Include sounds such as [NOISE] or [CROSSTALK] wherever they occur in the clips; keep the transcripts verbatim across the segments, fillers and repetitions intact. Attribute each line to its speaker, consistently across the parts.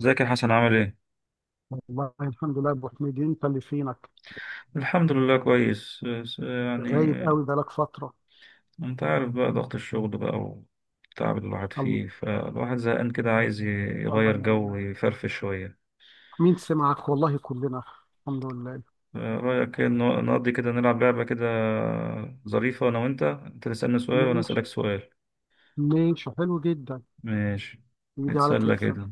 Speaker 1: ازيك يا حسن عامل ايه؟
Speaker 2: والله الحمد لله يا ابو حميد. انت اللي فينك
Speaker 1: الحمد لله، كويس. بس يعني
Speaker 2: غايب قوي بقالك فتره.
Speaker 1: انت عارف بقى ضغط الشغل بقى والتعب اللي الواحد
Speaker 2: الله.
Speaker 1: فيه، فالواحد زهقان كده عايز ي- يغير
Speaker 2: الله
Speaker 1: جو
Speaker 2: يعينك.
Speaker 1: ويفرفش شوية.
Speaker 2: مين سمعك والله، كلنا. الحمد لله.
Speaker 1: رأيك إيه ن- نقضي كده، نلعب لعبة كده ظريفة أنا وأنت؟ أنت تسألني سؤال وأنا
Speaker 2: ماشي.
Speaker 1: أسألك سؤال.
Speaker 2: ماشي، حلو جدا.
Speaker 1: ماشي.
Speaker 2: يجي على
Speaker 1: نتسلى
Speaker 2: كتفك.
Speaker 1: كده.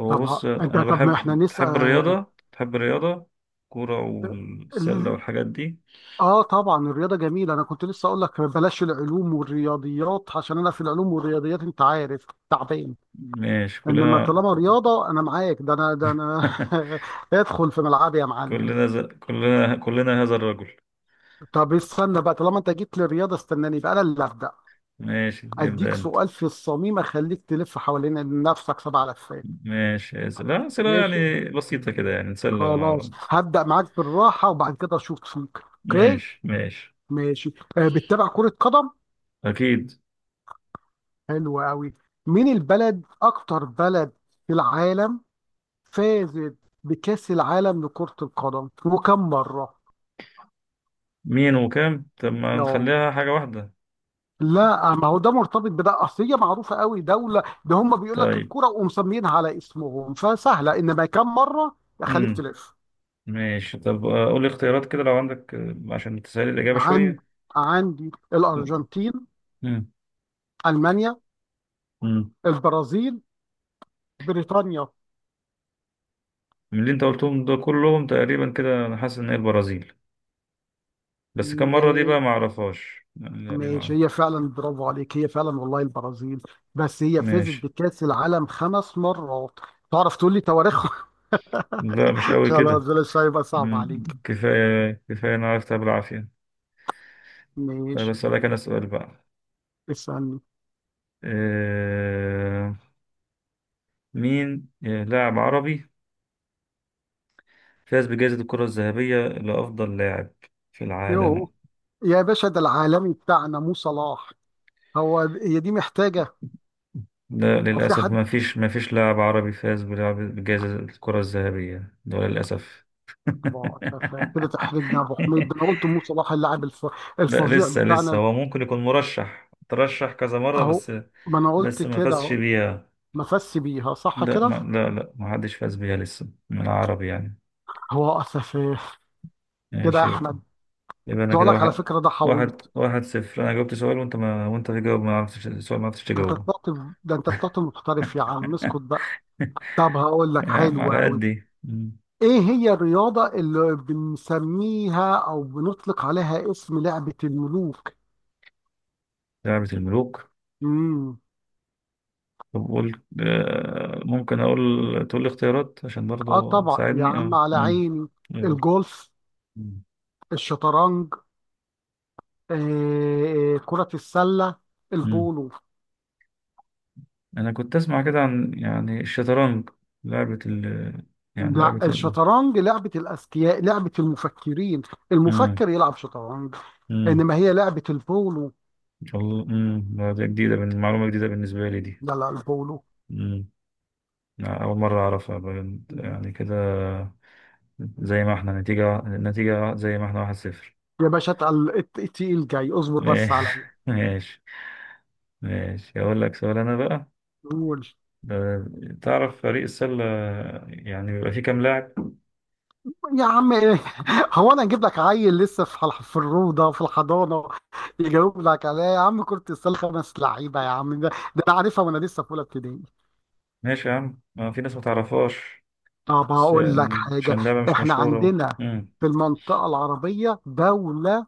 Speaker 1: هو
Speaker 2: طب ها.
Speaker 1: بص،
Speaker 2: انت،
Speaker 1: أنا
Speaker 2: طب ما احنا
Speaker 1: بحب، تحب
Speaker 2: نسأل.
Speaker 1: الرياضة، تحب الرياضة كورة والسلة
Speaker 2: ال-
Speaker 1: والحاجات دي؟
Speaker 2: اه طبعا، الرياضه جميله. انا كنت لسه اقول لك بلاش العلوم والرياضيات، عشان انا في العلوم والرياضيات انت عارف تعبان.
Speaker 1: ماشي،
Speaker 2: انما
Speaker 1: كلنا.
Speaker 2: طالما رياضه انا معاك. ده انا، ده انا.
Speaker 1: [LAUGHS]
Speaker 2: [LAUGHS] ادخل في ملعبي يا معلم.
Speaker 1: كلنا ز... كلنا كلنا هذا الرجل.
Speaker 2: طب استنى بقى، طالما انت جيت للرياضه استناني بقى، انا اللي هبدا.
Speaker 1: ماشي، ابدأ
Speaker 2: اديك
Speaker 1: انت.
Speaker 2: سؤال في الصميم، اخليك تلف حوالين نفسك سبع لفات.
Speaker 1: ماشي يا سلام. لا، أسئلة
Speaker 2: ماشي.
Speaker 1: يعني بسيطة كده يعني نسلم مع
Speaker 2: خلاص،
Speaker 1: بعض.
Speaker 2: هبدا معاك بالراحه وبعد كده اشوف فيك، اوكي؟
Speaker 1: ماشي، ماشي.
Speaker 2: ماشي. آه، بتتابع كره قدم؟
Speaker 1: أكيد.
Speaker 2: حلو قوي. مين البلد، اكتر بلد في العالم، فازت بكاس العالم لكره القدم؟ وكم مره؟
Speaker 1: مين وكام؟ طب ما
Speaker 2: اه.
Speaker 1: نخليها حاجة واحدة.
Speaker 2: لا، آه، ما هو ده مرتبط بده، اصل هي معروفه قوي دوله. ده هم بيقول لك
Speaker 1: طيب.
Speaker 2: الكوره ومسمينها على اسمهم فسهله، انما كم مره؟ اخليك
Speaker 1: امم
Speaker 2: تلف.
Speaker 1: ماشي طب، آه، قول لي اختيارات كده لو عندك، آه، عشان تسهل الإجابة
Speaker 2: عندي.
Speaker 1: شوية.
Speaker 2: عندي الارجنتين،
Speaker 1: امم
Speaker 2: المانيا،
Speaker 1: امم
Speaker 2: البرازيل، بريطانيا.
Speaker 1: من اللي أنت قلتهم ده كلهم تقريبا كده، أنا حاسس إن هي البرازيل. بس كم
Speaker 2: م-
Speaker 1: مرة دي بقى ما أعرفهاش. لا دي
Speaker 2: ماشي،
Speaker 1: ما...
Speaker 2: هي فعلا. برافو عليك، هي فعلا والله البرازيل. بس هي فازت
Speaker 1: ماشي.
Speaker 2: بكاس العالم خمس مرات. تعرف تقول لي تواريخهم؟
Speaker 1: لا، مش
Speaker 2: [LAUGHS]
Speaker 1: قوي
Speaker 2: خلاص
Speaker 1: كده.
Speaker 2: بلاش، هيبقى صعب
Speaker 1: مم.
Speaker 2: عليك.
Speaker 1: كفاية كفاية، أنا عرفت بالعافية. طيب
Speaker 2: ماشي.
Speaker 1: أسألك أنا سؤال بقى.
Speaker 2: اسالني.
Speaker 1: آه... مين لاعب عربي فاز بجائزة الكرة الذهبية لأفضل لاعب في العالم؟
Speaker 2: يو. يا باشا، ده العالمي بتاعنا مو صلاح. هو هي دي محتاجة؟
Speaker 1: لا،
Speaker 2: أو في
Speaker 1: للأسف
Speaker 2: حد؟
Speaker 1: ما فيش ما فيش لاعب عربي فاز بلعب- بجائزة الكرة الذهبية ده، للأسف.
Speaker 2: ما شاف كده؟ تحرجني يا أبو حميد، ده أنا
Speaker 1: [LAUGHS]
Speaker 2: قلت مو صلاح اللاعب الف...
Speaker 1: لا،
Speaker 2: الفظيع
Speaker 1: لسه لسه
Speaker 2: بتاعنا.
Speaker 1: هو ممكن يكون مرشح، ترشح كذا مرة
Speaker 2: أهو.
Speaker 1: بس.
Speaker 2: ما أنا قلت
Speaker 1: بس ما
Speaker 2: كده
Speaker 1: فازش
Speaker 2: أهو.
Speaker 1: بيها.
Speaker 2: مفسي بيها، صح
Speaker 1: لا
Speaker 2: كده؟
Speaker 1: ما لا لا ما حدش فاز بيها لسه من العرب يعني.
Speaker 2: هو أسف كده يا
Speaker 1: ماشي بقى.
Speaker 2: أحمد.
Speaker 1: يبقى
Speaker 2: كنت
Speaker 1: انا
Speaker 2: أقول
Speaker 1: كده
Speaker 2: لك على
Speaker 1: واحد،
Speaker 2: فكرة ده
Speaker 1: واحد
Speaker 2: حويط.
Speaker 1: واحد صفر. انا جاوبت سؤال وانت ما وانت تجاوب، ما عرفتش السؤال، ما عرفتش
Speaker 2: أنت
Speaker 1: تجاوبه.
Speaker 2: طلعت، ده أنت طلعت محترف يا عم، اسكت
Speaker 1: [LAUGHS]
Speaker 2: بقى. طب هقول لك،
Speaker 1: يا عم،
Speaker 2: حلو
Speaker 1: على
Speaker 2: أوي.
Speaker 1: قد ايه. مم.
Speaker 2: إيه هي الرياضة اللي بنسميها أو بنطلق عليها اسم لعبة الملوك؟
Speaker 1: لعبة الملوك؟
Speaker 2: امم
Speaker 1: طب قول، آه، ممكن اقول تقول لي اختيارات عشان
Speaker 2: اه
Speaker 1: برضه
Speaker 2: طبعا يا
Speaker 1: تساعدني.
Speaker 2: عم،
Speaker 1: اه
Speaker 2: على
Speaker 1: مم.
Speaker 2: عيني.
Speaker 1: يقول.
Speaker 2: الجولف،
Speaker 1: مم.
Speaker 2: الشطرنج، آه، آه، كرة السلة،
Speaker 1: مم.
Speaker 2: البولو.
Speaker 1: انا كنت اسمع كده عن يعني الشطرنج، لعبة ال يعني
Speaker 2: لا،
Speaker 1: لعبة ال...
Speaker 2: الشطرنج لعبة الأذكياء، لعبة المفكرين.
Speaker 1: مم.
Speaker 2: المفكر يلعب شطرنج.
Speaker 1: مم.
Speaker 2: إنما هي لعبة البولو.
Speaker 1: الله. مم. لا، دي جديدة بال- معلومة جديدة بالنسبة لي
Speaker 2: لا لا، البولو.
Speaker 1: دي. لا، أول مرة أعرفها بجد يعني كده. زي ما احنا نتيجة، النتيجة زي ما احنا واحد صفر.
Speaker 2: يا باشا اتقل- الت- التقيل جاي، اصبر بس
Speaker 1: ماشي.
Speaker 2: عليا.
Speaker 1: [LAUGHS] ماشي. ماشي. أقول لك سؤال أنا بقى.
Speaker 2: قول.
Speaker 1: ده- تعرف فريق السلة يعني بيبقى فيه كام لاعب؟
Speaker 2: يا عم ايه؟ [LAUGHS] هو انا اجيب لك عيل لسه في الح- في الروضه، في الحضانه، يجاوب لك عليها يا عم؟ كرة السله خمس لعيبه يا عم، ده ده انا عارفها وانا لسه في اولى ابتدائي.
Speaker 1: ماشي يا عم، ما في ناس ما تعرفهاش
Speaker 2: طب
Speaker 1: بس،
Speaker 2: هقول لك حاجة.
Speaker 1: عشان لعبة مش
Speaker 2: احنا
Speaker 1: مشهورة.
Speaker 2: عندنا
Speaker 1: مم.
Speaker 2: في المنطقة العربية دولة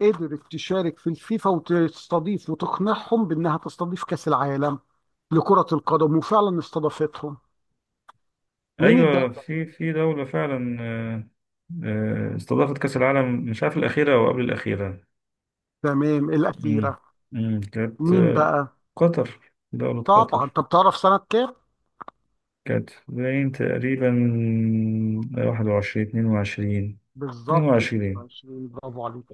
Speaker 2: قدرت تشارك في الفيفا وتستضيف وتقنعهم بأنها تستضيف كأس العالم لكرة القدم، وفعلا استضافتهم. مين
Speaker 1: أيوة،
Speaker 2: الدولة؟
Speaker 1: في في دولة فعلا، آه، آه، استضافت كأس العالم، مش عارف الأخيرة أو قبل الأخيرة.
Speaker 2: تمام،
Speaker 1: مم.
Speaker 2: الأخيرة.
Speaker 1: مم. كانت
Speaker 2: مين
Speaker 1: آه،
Speaker 2: بقى؟
Speaker 1: قطر، دولة
Speaker 2: طبعا.
Speaker 1: قطر.
Speaker 2: طب تعرف سنة كام؟
Speaker 1: كانت باين تقريبا واحد وعشرين، اتنين وعشرين. اتنين
Speaker 2: بالظبط
Speaker 1: وعشرين
Speaker 2: اتنين وعشرين، برافو عليك.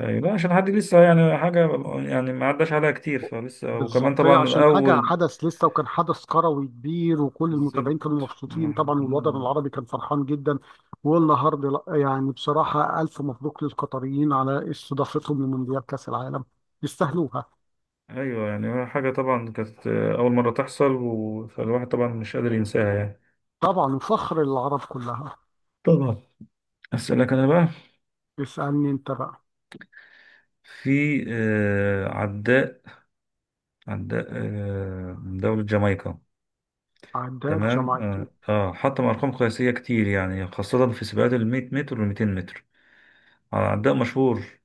Speaker 1: أيوة، لا عشان حد لسه يعني حاجة يعني ما عداش عليها كتير، فلسه وكمان
Speaker 2: بالظبط، هي
Speaker 1: طبعا
Speaker 2: عشان حاجة
Speaker 1: الأول.
Speaker 2: حدث لسه وكان حدث كروي كبير، وكل المتابعين
Speaker 1: بالظبط.
Speaker 2: كانوا مبسوطين طبعا، والوطن
Speaker 1: مم.
Speaker 2: العربي كان فرحان جدا. والنهارده لأ، يعني بصراحة ألف مبروك للقطريين على استضافتهم لمونديال كأس العالم. يستاهلوها.
Speaker 1: أيوة يعني حاجة طبعا كانت أول مرة تحصل، و- فالواحد طبعا مش قادر ينساها يعني.
Speaker 2: طبعا، وفخر للعرب كلها.
Speaker 1: طبعا. أسألك أنا بقى.
Speaker 2: اسألني أنت بقى.
Speaker 1: في آه، عداء، عداء آه، من دولة جامايكا.
Speaker 2: عداء
Speaker 1: تمام. اه
Speaker 2: جامايكي.
Speaker 1: آه، حطم ارقام قياسيه كتير يعني خاصه في سباقات ال 100 متر وال 200 متر. على عداء مشهور.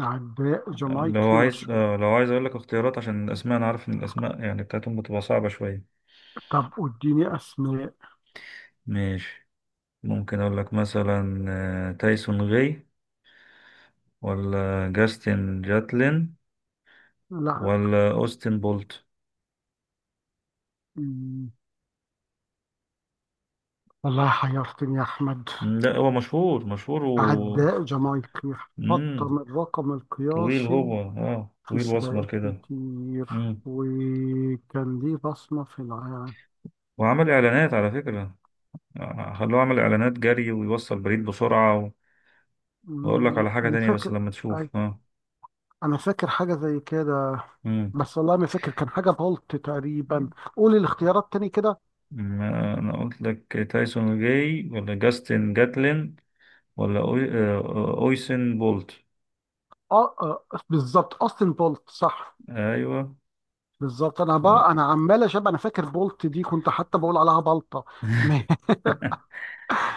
Speaker 2: عداء
Speaker 1: آه، لو
Speaker 2: جامايكي
Speaker 1: عايز
Speaker 2: مشهور.
Speaker 1: آه، لو عايز اقول لك اختيارات، عشان الاسماء انا عارف ان الاسماء يعني بتاعتهم بتبقى صعبه شويه.
Speaker 2: طب اديني أسماء.
Speaker 1: ماشي. ممكن اقول لك مثلا آه، تايسون غي، ولا جاستن جاتلين،
Speaker 2: لا.
Speaker 1: ولا اوستن بولت.
Speaker 2: مم. والله حيرتني يا أحمد.
Speaker 1: مم، لا هو مشهور، مشهور و
Speaker 2: عداء جامايكي، حط
Speaker 1: مم.
Speaker 2: من الرقم
Speaker 1: طويل،
Speaker 2: القياسي
Speaker 1: هو اه
Speaker 2: في
Speaker 1: طويل واسمر
Speaker 2: سباقات
Speaker 1: كده.
Speaker 2: كتير،
Speaker 1: مم.
Speaker 2: وكان ليه بصمة في العالم.
Speaker 1: وعمل اعلانات على فكره، خلوه يعمل اعلانات جري ويوصل بريد بسرعة و... واقول لك
Speaker 2: أمم،
Speaker 1: على حاجة
Speaker 2: أنا
Speaker 1: تانية بس
Speaker 2: فاكر.
Speaker 1: لما
Speaker 2: أي-
Speaker 1: تشوف. اه
Speaker 2: أنا فاكر حاجة زي كده،
Speaker 1: مم.
Speaker 2: بس والله ما فاكر، كان حاجة بولت تقريبا. قولي الاختيارات تاني كده.
Speaker 1: ما انا قلت لك تايسون جاي، ولا جاستن جاتلين، ولا أوي... آه، اويسن بولت.
Speaker 2: آه، آه بالظبط، أوستن بولت صح.
Speaker 1: ايوه.
Speaker 2: بالظبط. أنا بقى
Speaker 1: هو
Speaker 2: أنا عمال أشبه، أنا فاكر بولت دي كنت حتى بقول عليها بلطة. [LAUGHS]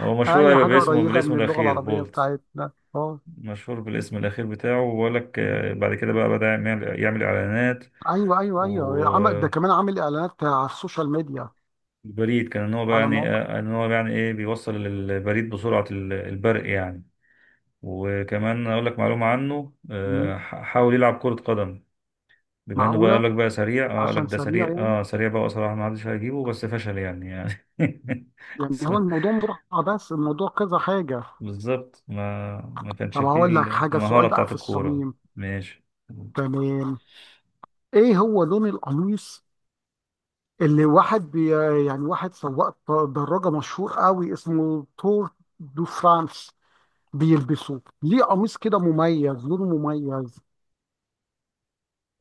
Speaker 1: هو مشهور،
Speaker 2: أي
Speaker 1: ايوه،
Speaker 2: حاجة
Speaker 1: باسمه،
Speaker 2: قريبة
Speaker 1: بالاسم
Speaker 2: من اللغة
Speaker 1: الاخير
Speaker 2: العربية
Speaker 1: بولت.
Speaker 2: بتاعتنا أه.
Speaker 1: مشهور بالاسم الاخير بتاعه. وبقول لك
Speaker 2: أمم.
Speaker 1: آه، بعد كده بقى بدأ يعمل يعمل اعلانات
Speaker 2: أيوه أيوه أيوه، عمل ده
Speaker 1: والبريد،
Speaker 2: كمان، عامل إعلانات على السوشيال ميديا،
Speaker 1: كان ان هو بقى
Speaker 2: على
Speaker 1: يعني
Speaker 2: مواقع.
Speaker 1: آه، ان هو يعني ايه بيوصل البريد بسرعة، ال- البرق يعني. وكمان اقول لك معلومه عنه،
Speaker 2: أمم.
Speaker 1: آه، ح- حاول يلعب كره قدم. بما انه بقى قال
Speaker 2: معقولة؟
Speaker 1: لك بقى سريع، اه قال لك
Speaker 2: عشان
Speaker 1: ده
Speaker 2: سريع
Speaker 1: سريع،
Speaker 2: يعني.
Speaker 1: اه سريع بقى وصراحه ما حدش هيجيبه، بس فشل يعني يعني [LAUGHS]
Speaker 2: يعني
Speaker 1: س-
Speaker 2: هو الموضوع مطرحة، بس الموضوع كذا حاجة.
Speaker 1: بالظبط، ما ما كانش
Speaker 2: طب
Speaker 1: فيه
Speaker 2: هقول لك حاجة،
Speaker 1: المهاره
Speaker 2: سؤال بقى
Speaker 1: بتاعت
Speaker 2: في
Speaker 1: الكوره.
Speaker 2: الصميم.
Speaker 1: ماشي.
Speaker 2: تمام. ايه هو لون القميص اللي واحد بي يعني واحد سواق دراجة مشهور قوي اسمه تور دو فرانس بيلبسه؟ ليه قميص كده مميز، لونه مميز؟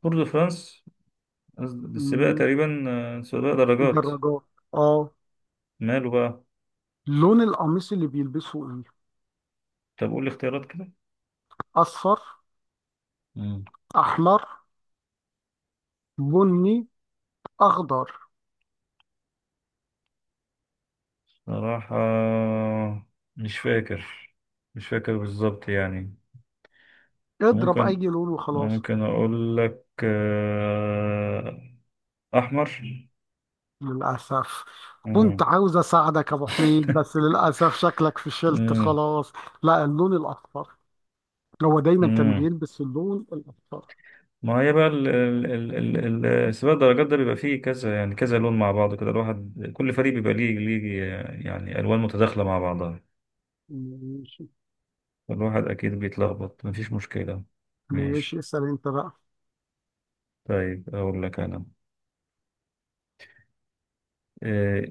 Speaker 1: تور دو فرانس. قصد- السباق
Speaker 2: مم،
Speaker 1: تقريبا، آه، سباق درجات.
Speaker 2: الدراجات. اه.
Speaker 1: ماله بقى.
Speaker 2: لون القميص اللي بيلبسه ايه؟
Speaker 1: طب قول لي اختيارات كده.
Speaker 2: اصفر،
Speaker 1: مم.
Speaker 2: احمر، بني، اخضر.
Speaker 1: صراحه، مش فاكر مش فاكر بالظبط يعني.
Speaker 2: اضرب اي
Speaker 1: ممكن
Speaker 2: لون وخلاص.
Speaker 1: ممكن أقول لك آه، أحمر.
Speaker 2: للأسف. كنت
Speaker 1: مم.
Speaker 2: عاوز أساعدك يا أبو حميد، بس
Speaker 1: [LAUGHS]
Speaker 2: للأسف شكلك فشلت
Speaker 1: مم.
Speaker 2: خلاص. لا، اللون الأخضر. هو دايما كان
Speaker 1: مم.
Speaker 2: بيلبس اللون الأخضر.
Speaker 1: ما هي بقى ال ال ال ال ال- سباق الدرجات ده بيبقى فيه كذا يعني كذا لون مع بعض كده، الواحد كل فريق بيبقى ليه، ليه يعني ألوان متداخلة مع بعضها.
Speaker 2: ماشي.
Speaker 1: الواحد أكيد بيتلخبط، مفيش مشكلة.
Speaker 2: ماشي،
Speaker 1: ماشي.
Speaker 2: اسأل أنت بقى.
Speaker 1: طيب أقول لك أنا. آه،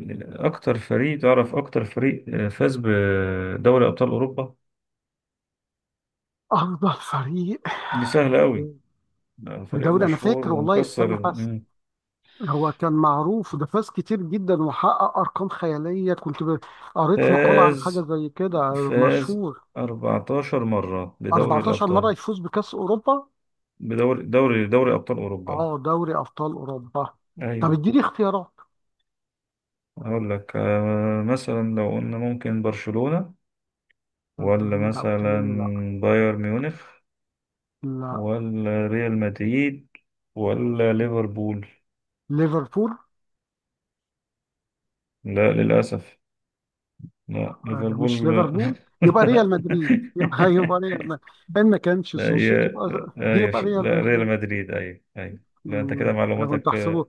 Speaker 1: أكتر فريق تعرف أكتر فريق آه، فاز بدوري أبطال أوروبا؟
Speaker 2: أفضل فريق؟
Speaker 1: دي سهلة أوي، ده فريق
Speaker 2: بدوري، أنا
Speaker 1: مشهور
Speaker 2: فاكر والله،
Speaker 1: ومكسر
Speaker 2: استنى بس.
Speaker 1: الدنيا.
Speaker 2: هو كان معروف، ده فاز كتير جدا وحقق أرقام خيالية. كنت ب- قريت مقالة عن
Speaker 1: فاز
Speaker 2: حاجة زي كده
Speaker 1: فاز
Speaker 2: مشهور.
Speaker 1: اربعة عشر مرة بدوري
Speaker 2: اربعتاشر مرة
Speaker 1: الأبطال،
Speaker 2: يفوز بكأس أوروبا.
Speaker 1: بدوري دوري دوري أبطال أوروبا.
Speaker 2: اه، دوري أبطال أوروبا. طب
Speaker 1: أيوة.
Speaker 2: اديني اختيارات.
Speaker 1: هقول لك آه، مثلا لو قلنا ممكن برشلونة، ولا
Speaker 2: مم، لا،
Speaker 1: مثلا
Speaker 2: بتقولي لا.
Speaker 1: بايرن ميونخ،
Speaker 2: لا،
Speaker 1: ولا ريال مدريد، ولا ليفربول؟
Speaker 2: ليفربول.
Speaker 1: لا، للأسف. لا
Speaker 2: آه، مش
Speaker 1: ليفربول. [LAUGHS]
Speaker 2: ليفربول. يبقى
Speaker 1: لا.
Speaker 2: ريال مدريد، يبقى يبقى ريال مدريد. ان ما كانش
Speaker 1: لا
Speaker 2: سوسو
Speaker 1: هي
Speaker 2: تبقى.
Speaker 1: لا هي
Speaker 2: يبقى
Speaker 1: ش-
Speaker 2: ريال
Speaker 1: لا، ريال
Speaker 2: مدريد.
Speaker 1: مدريد، أيوة أيوة، لا أنت كده
Speaker 2: مم، انا كنت
Speaker 1: معلوماتك...
Speaker 2: احسبه،
Speaker 1: آه،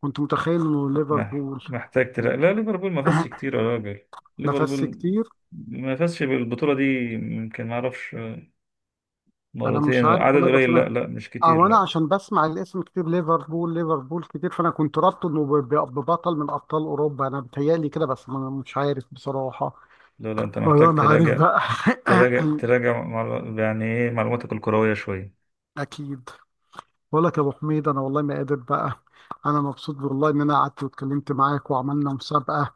Speaker 2: كنت متخيل انه
Speaker 1: مح-
Speaker 2: ليفربول.
Speaker 1: محتاج تلا لا، ليفربول ما فازش
Speaker 2: [CLEARS THROAT]
Speaker 1: كتير يا راجل.
Speaker 2: نفس
Speaker 1: ليفربول
Speaker 2: كتير.
Speaker 1: ما فازش بالبطولة دي، يمكن ما أعرفش، آه،
Speaker 2: انا مش
Speaker 1: مرتين،
Speaker 2: عارف
Speaker 1: عدد
Speaker 2: والله، بس
Speaker 1: قليل.
Speaker 2: انا.
Speaker 1: لا لا، مش كتير،
Speaker 2: او انا
Speaker 1: لا.
Speaker 2: عشان بسمع الاسم كتير، ليفربول ليفربول كتير، فانا كنت رابطه انه ب- ب- ببطل من ابطال اوروبا، انا بتهيألي كده، بس انا مش عارف بصراحة.
Speaker 1: لا لا، أنت
Speaker 2: والله
Speaker 1: محتاج
Speaker 2: ما عارف
Speaker 1: تراجع،
Speaker 2: بقى.
Speaker 1: تراجع تراجع مع- يعني إيه معلوماتك الكروية شوية.
Speaker 2: [CLEARS THROAT] اكيد. بقول لك يا ابو حميد، انا والله ما قادر بقى. انا مبسوط والله ان انا قعدت واتكلمت معاك وعملنا مسابقه.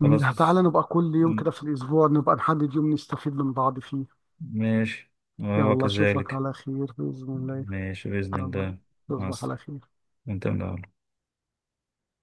Speaker 2: م-
Speaker 1: خلاص.
Speaker 2: تعالى نبقى كل يوم
Speaker 1: م-
Speaker 2: كده في الاسبوع، نبقى نحدد يوم نستفيد من بعض فيه.
Speaker 1: ماشي. وهو
Speaker 2: يلا اشوفك
Speaker 1: كذلك.
Speaker 2: على خير باذن الله.
Speaker 1: ماشي بإذن
Speaker 2: يلا
Speaker 1: الله. مع
Speaker 2: تصبح
Speaker 1: الس-
Speaker 2: على خير.
Speaker 1: أنت من الأول.